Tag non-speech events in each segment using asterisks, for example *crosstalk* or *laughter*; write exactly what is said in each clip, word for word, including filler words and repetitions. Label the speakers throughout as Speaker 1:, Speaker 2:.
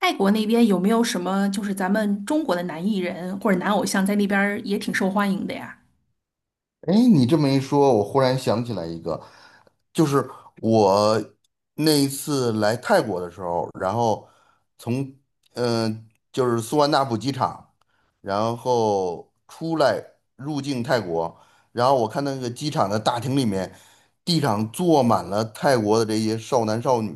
Speaker 1: 泰国那边有没有什么就是咱们中国的男艺人或者男偶像在那边儿也挺受欢迎的呀？
Speaker 2: 哎，你这么一说，我忽然想起来一个，就是我那一次来泰国的时候，然后从嗯、呃就是苏万那普机场，然后出来入境泰国，然后我看那个机场的大厅里面，地上坐满了泰国的这些少男少女，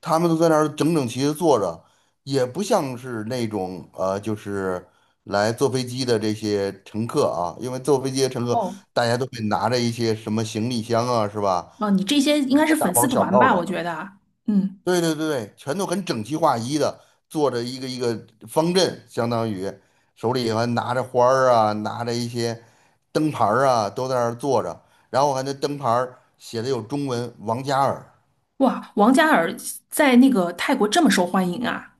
Speaker 2: 他们都在那儿整整齐齐地坐着，也不像是那种呃，就是来坐飞机的这些乘客啊，因为坐飞机的乘客
Speaker 1: 哦，
Speaker 2: 大家都会拿着一些什么行李箱啊，是吧？
Speaker 1: 哦，你这些应
Speaker 2: 拿
Speaker 1: 该是
Speaker 2: 个大
Speaker 1: 粉丝
Speaker 2: 包小
Speaker 1: 团
Speaker 2: 包
Speaker 1: 吧？我
Speaker 2: 的，
Speaker 1: 觉得，嗯，
Speaker 2: 对对对对，全都很整齐划一的坐着一个一个方阵，相当于手里还拿着花儿啊，拿着一些灯牌儿啊，都在那儿坐着，然后还那灯牌儿写的有中文“王嘉尔”。
Speaker 1: 哇，王嘉尔在那个泰国这么受欢迎啊？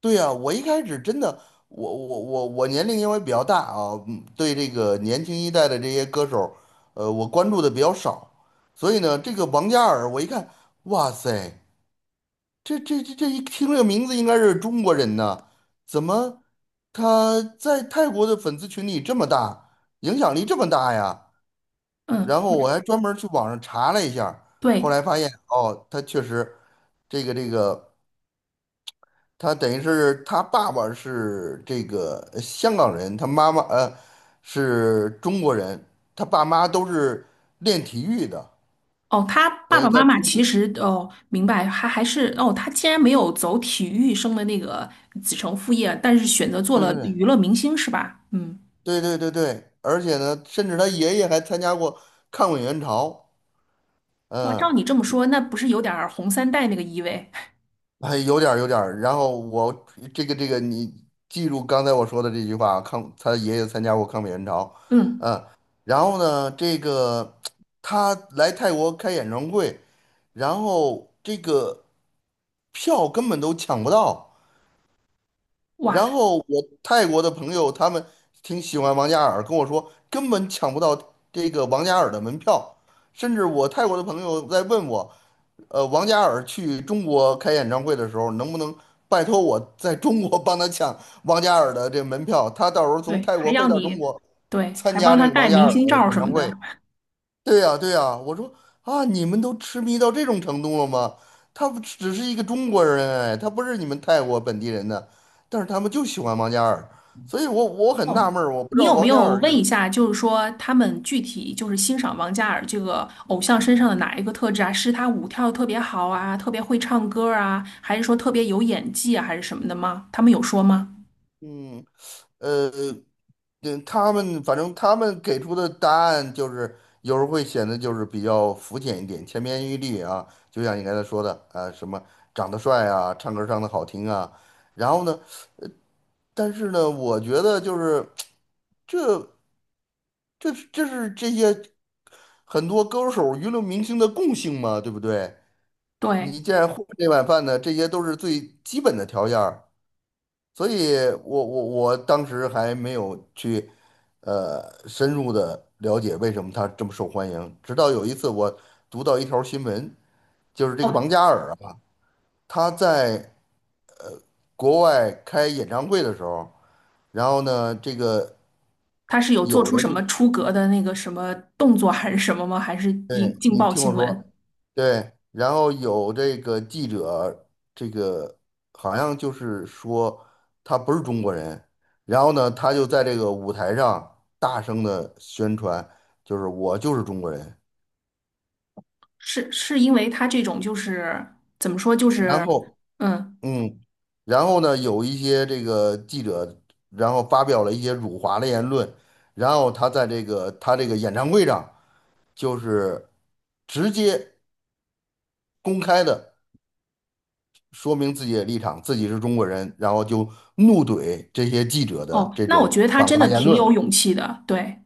Speaker 2: 对呀，我一开始真的，我我我我年龄因为比较大啊，嗯对这个年轻一代的这些歌手，呃，我关注的比较少，所以呢，这个王嘉尔，我一看，哇塞，这这这这一听这个名字应该是中国人呢，怎么他在泰国的粉丝群体这么大，影响力这么大呀？
Speaker 1: 嗯，
Speaker 2: 然后我还专门儿去网上查了一下儿后
Speaker 1: 对，
Speaker 2: 来发现哦，他确实这个这个。他等于是他爸爸是这个呃香港人，他妈妈呃是中国人，他爸妈都是练体育的，
Speaker 1: 哦，他爸
Speaker 2: 等于
Speaker 1: 爸妈
Speaker 2: 他
Speaker 1: 妈
Speaker 2: 出
Speaker 1: 其
Speaker 2: 自，
Speaker 1: 实哦，明白，还还是哦，他竟然没有走体育生的那个子承父业，但是选择做
Speaker 2: 对
Speaker 1: 了
Speaker 2: 对对
Speaker 1: 娱乐明星是吧？嗯，
Speaker 2: 对对对对，而且呢，甚至他爷爷还参加过抗美援朝，
Speaker 1: 哇，照
Speaker 2: 嗯，
Speaker 1: 你这么说，那不是有点儿红三代那个意味？
Speaker 2: 还有点儿有点儿。然后我这个这个，你记住刚才我说的这句话啊，抗他爷爷参加过抗美援朝，
Speaker 1: *laughs* 嗯，
Speaker 2: 嗯，然后呢，这个他来泰国开演唱会，然后这个票根本都抢不到。
Speaker 1: 哇，
Speaker 2: 然后我泰国的朋友他们挺喜欢王嘉尔，跟我说根本抢不到这个王嘉尔的门票。甚至我泰国的朋友在问我，呃，王嘉尔去中国开演唱会的时候，能不能拜托我在中国帮他抢王嘉尔的这门票？他到时候从
Speaker 1: 对，
Speaker 2: 泰
Speaker 1: 还
Speaker 2: 国飞
Speaker 1: 要
Speaker 2: 到中
Speaker 1: 你，
Speaker 2: 国
Speaker 1: 对，
Speaker 2: 参
Speaker 1: 还
Speaker 2: 加
Speaker 1: 帮他
Speaker 2: 这个
Speaker 1: 带
Speaker 2: 王嘉
Speaker 1: 明
Speaker 2: 尔的
Speaker 1: 星照
Speaker 2: 演
Speaker 1: 什
Speaker 2: 唱
Speaker 1: 么
Speaker 2: 会。
Speaker 1: 的。
Speaker 2: 对呀，对呀，我说啊，你们都痴迷到这种程度了吗？他不只是一个中国人，哎，他不是你们泰国本地人的，但是他们就喜欢王嘉尔，所以我我很
Speaker 1: 哦，
Speaker 2: 纳闷儿，我不知
Speaker 1: 你
Speaker 2: 道
Speaker 1: 有没
Speaker 2: 王嘉
Speaker 1: 有
Speaker 2: 尔有，
Speaker 1: 问一下，就是说他们具体就是欣赏王嘉尔这个偶像身上的哪一个特质啊？是他舞跳得特别好啊，特别会唱歌啊，还是说特别有演技啊，还是什么的吗？他们有说吗？
Speaker 2: 嗯，呃，嗯，他们反正他们给出的答案就是有时候会显得就是比较肤浅一点，千篇一律啊，就像你刚才说的啊，什么长得帅啊，唱歌唱的好听啊，然后呢，但是呢，我觉得就是。这是这是这些很多歌手、娱乐明星的共性嘛，对不对？你
Speaker 1: 对，
Speaker 2: 既然混这碗饭呢，这些都是最基本的条件儿。所以我我我当时还没有去呃深入的了解为什么他这么受欢迎，直到有一次我读到一条新闻，就是这个
Speaker 1: 哦，
Speaker 2: 王嘉尔啊，他在国外开演唱会的时候，然后呢，这个。
Speaker 1: 他是有做出什么出格的那个什么动作还是什么吗？还是引
Speaker 2: 对，
Speaker 1: 劲
Speaker 2: 你
Speaker 1: 爆
Speaker 2: 听我
Speaker 1: 新闻？
Speaker 2: 说，对，然后有这个记者，这个好像就是说他不是中国人，然后呢，他就在这个舞台上大声的宣传，就是我就是中国人。
Speaker 1: 是是因为他这种就是怎么说就
Speaker 2: 然
Speaker 1: 是，
Speaker 2: 后，
Speaker 1: 嗯。
Speaker 2: 嗯，然后呢，有一些这个记者，然后发表了一些辱华的言论，然后他在这个他这个演唱会上就是直接公开的。说明自己的立场，自己是中国人，然后就怒怼这些记者的
Speaker 1: 哦，
Speaker 2: 这
Speaker 1: 那我
Speaker 2: 种
Speaker 1: 觉得他
Speaker 2: 反
Speaker 1: 真
Speaker 2: 华
Speaker 1: 的
Speaker 2: 言
Speaker 1: 挺
Speaker 2: 论
Speaker 1: 有勇气的，对。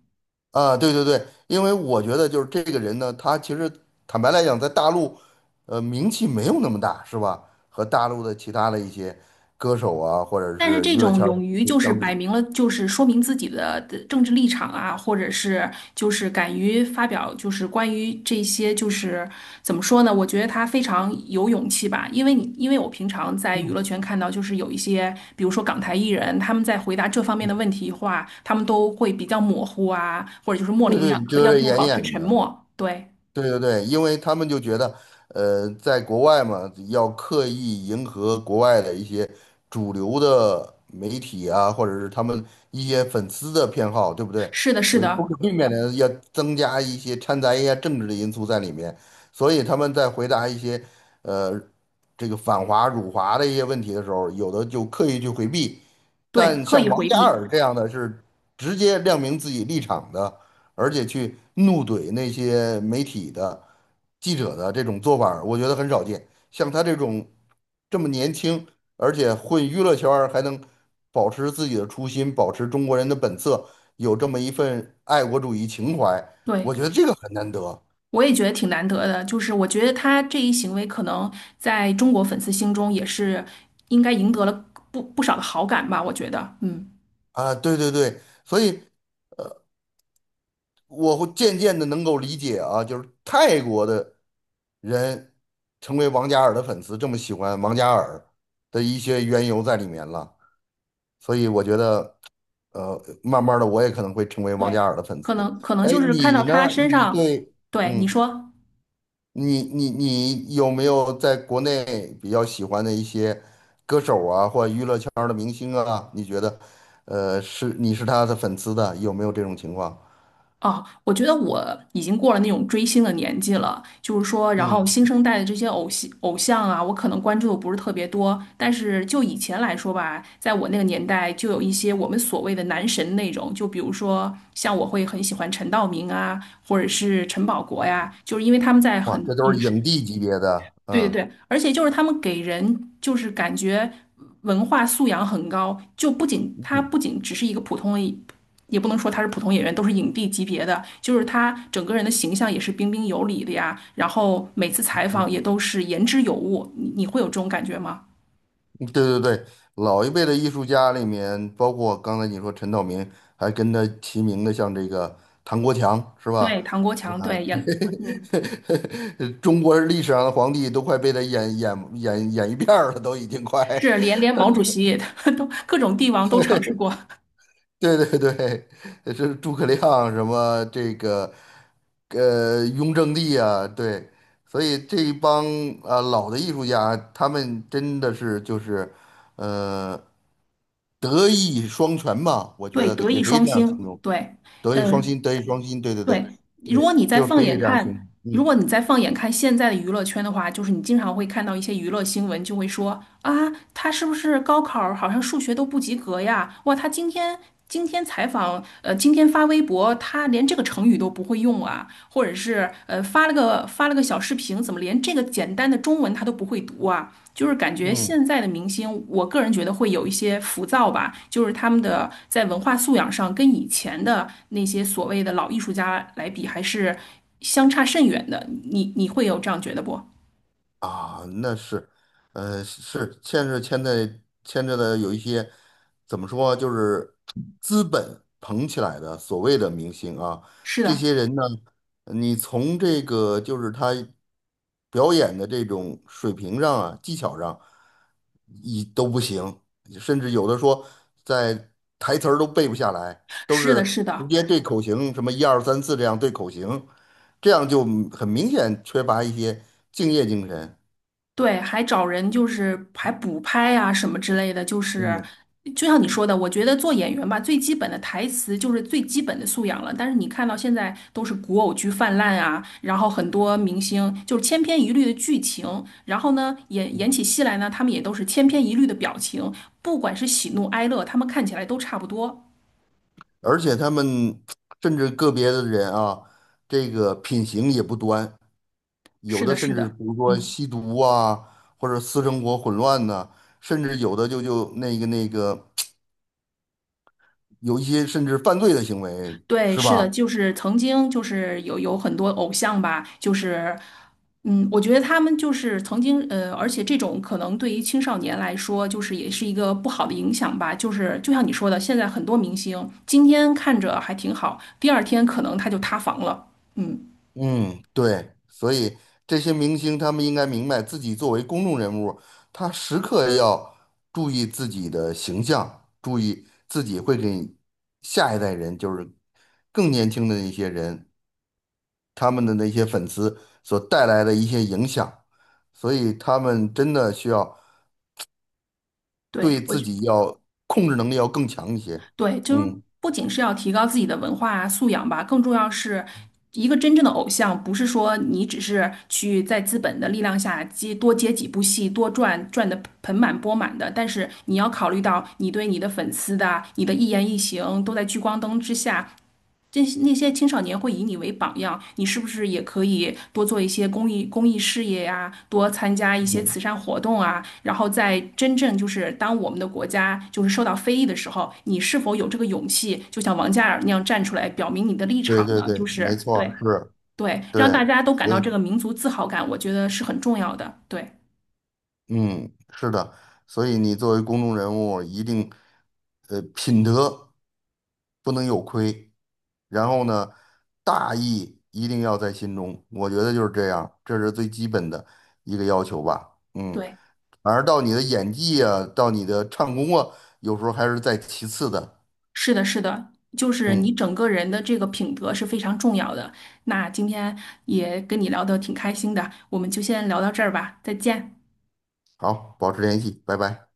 Speaker 2: 啊，对对对，因为我觉得就是这个人呢，他其实坦白来讲，在大陆，呃，名气没有那么大，是吧？和大陆的其他的一些歌手啊，或者
Speaker 1: 但是
Speaker 2: 是
Speaker 1: 这
Speaker 2: 娱乐
Speaker 1: 种
Speaker 2: 圈儿
Speaker 1: 勇
Speaker 2: 的
Speaker 1: 于就是
Speaker 2: 相
Speaker 1: 摆
Speaker 2: 比，
Speaker 1: 明了，就是说明自己的的政治立场啊，或者是就是敢于发表，就是关于这些，就是怎么说呢？我觉得他非常有勇气吧，因为你因为我平常在娱乐圈看到，就是有一些，比如说港台艺人，他们在回答这方面的问题的话，他们都会比较模糊啊，或者就是模
Speaker 2: 对
Speaker 1: 棱
Speaker 2: 对，
Speaker 1: 两可，
Speaker 2: 遮
Speaker 1: 要不
Speaker 2: 遮
Speaker 1: 就是
Speaker 2: 掩
Speaker 1: 保持
Speaker 2: 掩
Speaker 1: 沉
Speaker 2: 的，
Speaker 1: 默。对，
Speaker 2: 对对对，因为他们就觉得，呃，在国外嘛，要刻意迎合国外的一些主流的媒体啊，或者是他们一些粉丝的偏好，对不对？
Speaker 1: 是的，是
Speaker 2: 呃，不
Speaker 1: 的，
Speaker 2: 可避免的要增加一些掺杂一些政治的因素在里面，所以他们在回答一些，呃，这个反华辱华的一些问题的时候，有的就刻意去回避，
Speaker 1: 对，
Speaker 2: 但
Speaker 1: 刻意
Speaker 2: 像王
Speaker 1: 回
Speaker 2: 嘉
Speaker 1: 避，
Speaker 2: 尔这样的是直接亮明自己立场的。而且去怒怼那些媒体的记者的这种做法儿我觉得很少见。像他这种这么年轻，而且混娱乐圈儿还能保持自己的初心，保持中国人的本色，有这么一份爱国主义情怀，
Speaker 1: 对。
Speaker 2: 我觉得这个很难得
Speaker 1: 我也觉得挺难得的，就是我觉得他这一行为可能在中国粉丝心中也是应该赢得了不不少的好感吧，我觉得，嗯，
Speaker 2: 啊！对对对，所以我会渐渐的能够理解啊，就是泰国的人成为王嘉尔的粉丝，这么喜欢王嘉尔的一些缘由在里面了。所以我觉得，呃，慢慢的我也可能会成为王
Speaker 1: 对，
Speaker 2: 嘉尔的粉丝。
Speaker 1: 可能可能
Speaker 2: 哎，
Speaker 1: 就是看
Speaker 2: 你
Speaker 1: 到他
Speaker 2: 呢？
Speaker 1: 身
Speaker 2: 你
Speaker 1: 上，
Speaker 2: 对，
Speaker 1: 对，你
Speaker 2: 嗯，
Speaker 1: 说。
Speaker 2: 你你你有没有在国内比较喜欢的一些这样的明星啊？你觉得，呃，是你是他的粉丝的，有没有这种情况？
Speaker 1: 哦，我觉得我已经过了那种追星的年纪了，就是说，然后
Speaker 2: 嗯，
Speaker 1: 新生代的这些偶像偶像啊，我可能关注的不是特别多，但是就以前来说吧，在我那个年代，就有一些我们所谓的男神那种，就比如说像我会很喜欢陈道明啊，或者是陈宝国
Speaker 2: 哦
Speaker 1: 呀，就是因为他们在
Speaker 2: 哇，
Speaker 1: 很
Speaker 2: 这都是
Speaker 1: 影视
Speaker 2: 影帝级别的，
Speaker 1: 对对
Speaker 2: 嗯
Speaker 1: 对，而且就是他们给人就是感觉文化素养很高，就不仅他
Speaker 2: 嗯
Speaker 1: 不仅只是一个普通的，也不能说他是普通演员，都是影帝级别的，就是他整个人的形象也是彬彬有礼的呀，然后每次采访也
Speaker 2: 嗯
Speaker 1: 都是言之有物，你你会有这种感觉吗？
Speaker 2: 对对对，老一辈的艺术家里面，包括刚才你说陈道明，还跟他齐名的，像这个唐国强，是吧？
Speaker 1: 对，唐国
Speaker 2: 啊，
Speaker 1: 强，对，演，嗯，
Speaker 2: *laughs* 中国历史上的皇帝都快被他演演演演一遍儿了，都已经快。
Speaker 1: 是连连毛主席 *laughs* 都各种帝王都尝试过，
Speaker 2: 对对对，呃这是诸葛亮什么这个，呃，雍正帝啊，对，所以这一帮啊老的艺术家，他们真的是就是，呃，德艺双全吧，我觉
Speaker 1: 对，
Speaker 2: 得
Speaker 1: 德
Speaker 2: 也
Speaker 1: 艺
Speaker 2: 可以
Speaker 1: 双
Speaker 2: 这样形
Speaker 1: 馨，
Speaker 2: 容，
Speaker 1: 对，
Speaker 2: 德艺双
Speaker 1: 嗯、
Speaker 2: 馨，德艺双馨，对对对，
Speaker 1: 对，
Speaker 2: 对，
Speaker 1: 如果你再
Speaker 2: 就是
Speaker 1: 放
Speaker 2: 可以
Speaker 1: 眼
Speaker 2: 这样形
Speaker 1: 看，
Speaker 2: 容，
Speaker 1: 如果
Speaker 2: 嗯
Speaker 1: 你再放眼看现在的娱乐圈的话，就是你经常会看到一些娱乐新闻，就会说啊，他是不是高考儿好像数学都不及格呀？哇，他今天今天采访，呃，今天发微博，他连这个成语都不会用啊，或者是呃发了个发了个小视频，怎么连这个简单的中文他都不会读啊？就是感觉
Speaker 2: 嗯。
Speaker 1: 现在的明星，我个人觉得会有一些浮躁吧，就是他们的在文化素养上跟以前的那些所谓的老艺术家来比，还是相差甚远的。你你会有这样觉得不？
Speaker 2: 啊，那是，呃，是牵是牵在牵着的有一些怎么说，就是资本捧起来的所谓的明星啊，
Speaker 1: 是
Speaker 2: 这
Speaker 1: 的，
Speaker 2: 些人呢，你从这个就是他表演的这种水平上啊，技巧上，一都不行，甚至有的说在台词儿都背不下来，都
Speaker 1: 是的，
Speaker 2: 是
Speaker 1: 是
Speaker 2: 直
Speaker 1: 的。
Speaker 2: 接对口型，什么一二三四这样对口型，这样就很明显缺乏一些敬业精神。
Speaker 1: 对，还找人就是还补拍啊什么之类的，就是
Speaker 2: 嗯，
Speaker 1: 就像你说的，我觉得做演员吧，最基本的台词就是最基本的素养了。但是你看到现在都是古偶剧泛滥啊，然后很多明星就是千篇一律的剧情，然后呢演演起戏来呢，他们也都是千篇一律的表情，不管是喜怒哀乐，他们看起来都差不多。
Speaker 2: 而且他们甚至个别的人啊，这个品行也不端，有
Speaker 1: 是
Speaker 2: 的
Speaker 1: 的，
Speaker 2: 甚
Speaker 1: 是
Speaker 2: 至
Speaker 1: 的，
Speaker 2: 比如说
Speaker 1: 嗯。
Speaker 2: 吸毒啊，或者私生活混乱呢，甚至有的就就那个那个有一些甚至犯罪的行为，
Speaker 1: 对，
Speaker 2: 是
Speaker 1: 是的，
Speaker 2: 吧？
Speaker 1: 就是曾经就是有有很多偶像吧，就是嗯，我觉得他们就是曾经呃，而且这种可能对于青少年来说，就是也是一个不好的影响吧。就是就像你说的，现在很多明星今天看着还挺好，第二天可能他就塌房了。嗯，
Speaker 2: 嗯，对，所以这些明星他们应该明白，自己作为公众人物，他时刻要注意自己的形象，注意自己会给下一代人，就是更年轻的一些人。他们的那些粉丝所带来的一些影响，所以他们真的需要
Speaker 1: 对，
Speaker 2: 对
Speaker 1: 我
Speaker 2: 自
Speaker 1: 觉。
Speaker 2: 己要控制能力要更强一些。
Speaker 1: 对，就是
Speaker 2: 嗯，
Speaker 1: 不仅是要提高自己的文化素养吧，更重要是一个真正的偶像，不是说你只是去在资本的力量下接多接几部戏，多赚赚的盆满钵满的，但是你要考虑到你对你的粉丝的，你的一言一行都在聚光灯之下，那些青少年会以你为榜样，你是不是也可以多做一些公益公益事业呀、多参加一些
Speaker 2: 嗯，
Speaker 1: 慈善活动啊？然后在真正就是当我们的国家就是受到非议的时候，你是否有这个勇气，就像王嘉尔那样站出来表明你的立
Speaker 2: 对
Speaker 1: 场
Speaker 2: 对
Speaker 1: 呢？就
Speaker 2: 对，没
Speaker 1: 是
Speaker 2: 错儿
Speaker 1: 对
Speaker 2: 是，
Speaker 1: 对，
Speaker 2: 对，
Speaker 1: 让大家都感
Speaker 2: 所
Speaker 1: 到这
Speaker 2: 以
Speaker 1: 个民族自豪感，我觉得是很重要的。对
Speaker 2: 嗯，是的，所以你作为公众人物，一定呃品德不能有亏，然后呢，大义一定要在心中，我觉得就是这样，这是最基本的一个要求吧。嗯。
Speaker 1: 对。
Speaker 2: 反而到你的演技啊，到你的唱功啊，有时候还是在其次的。
Speaker 1: 是的，是的，就是你
Speaker 2: 嗯，
Speaker 1: 整个人的这个品德是非常重要的。那今天也跟你聊得挺开心的，我们就先聊到这儿吧，再见。
Speaker 2: 好，保持联系，拜拜。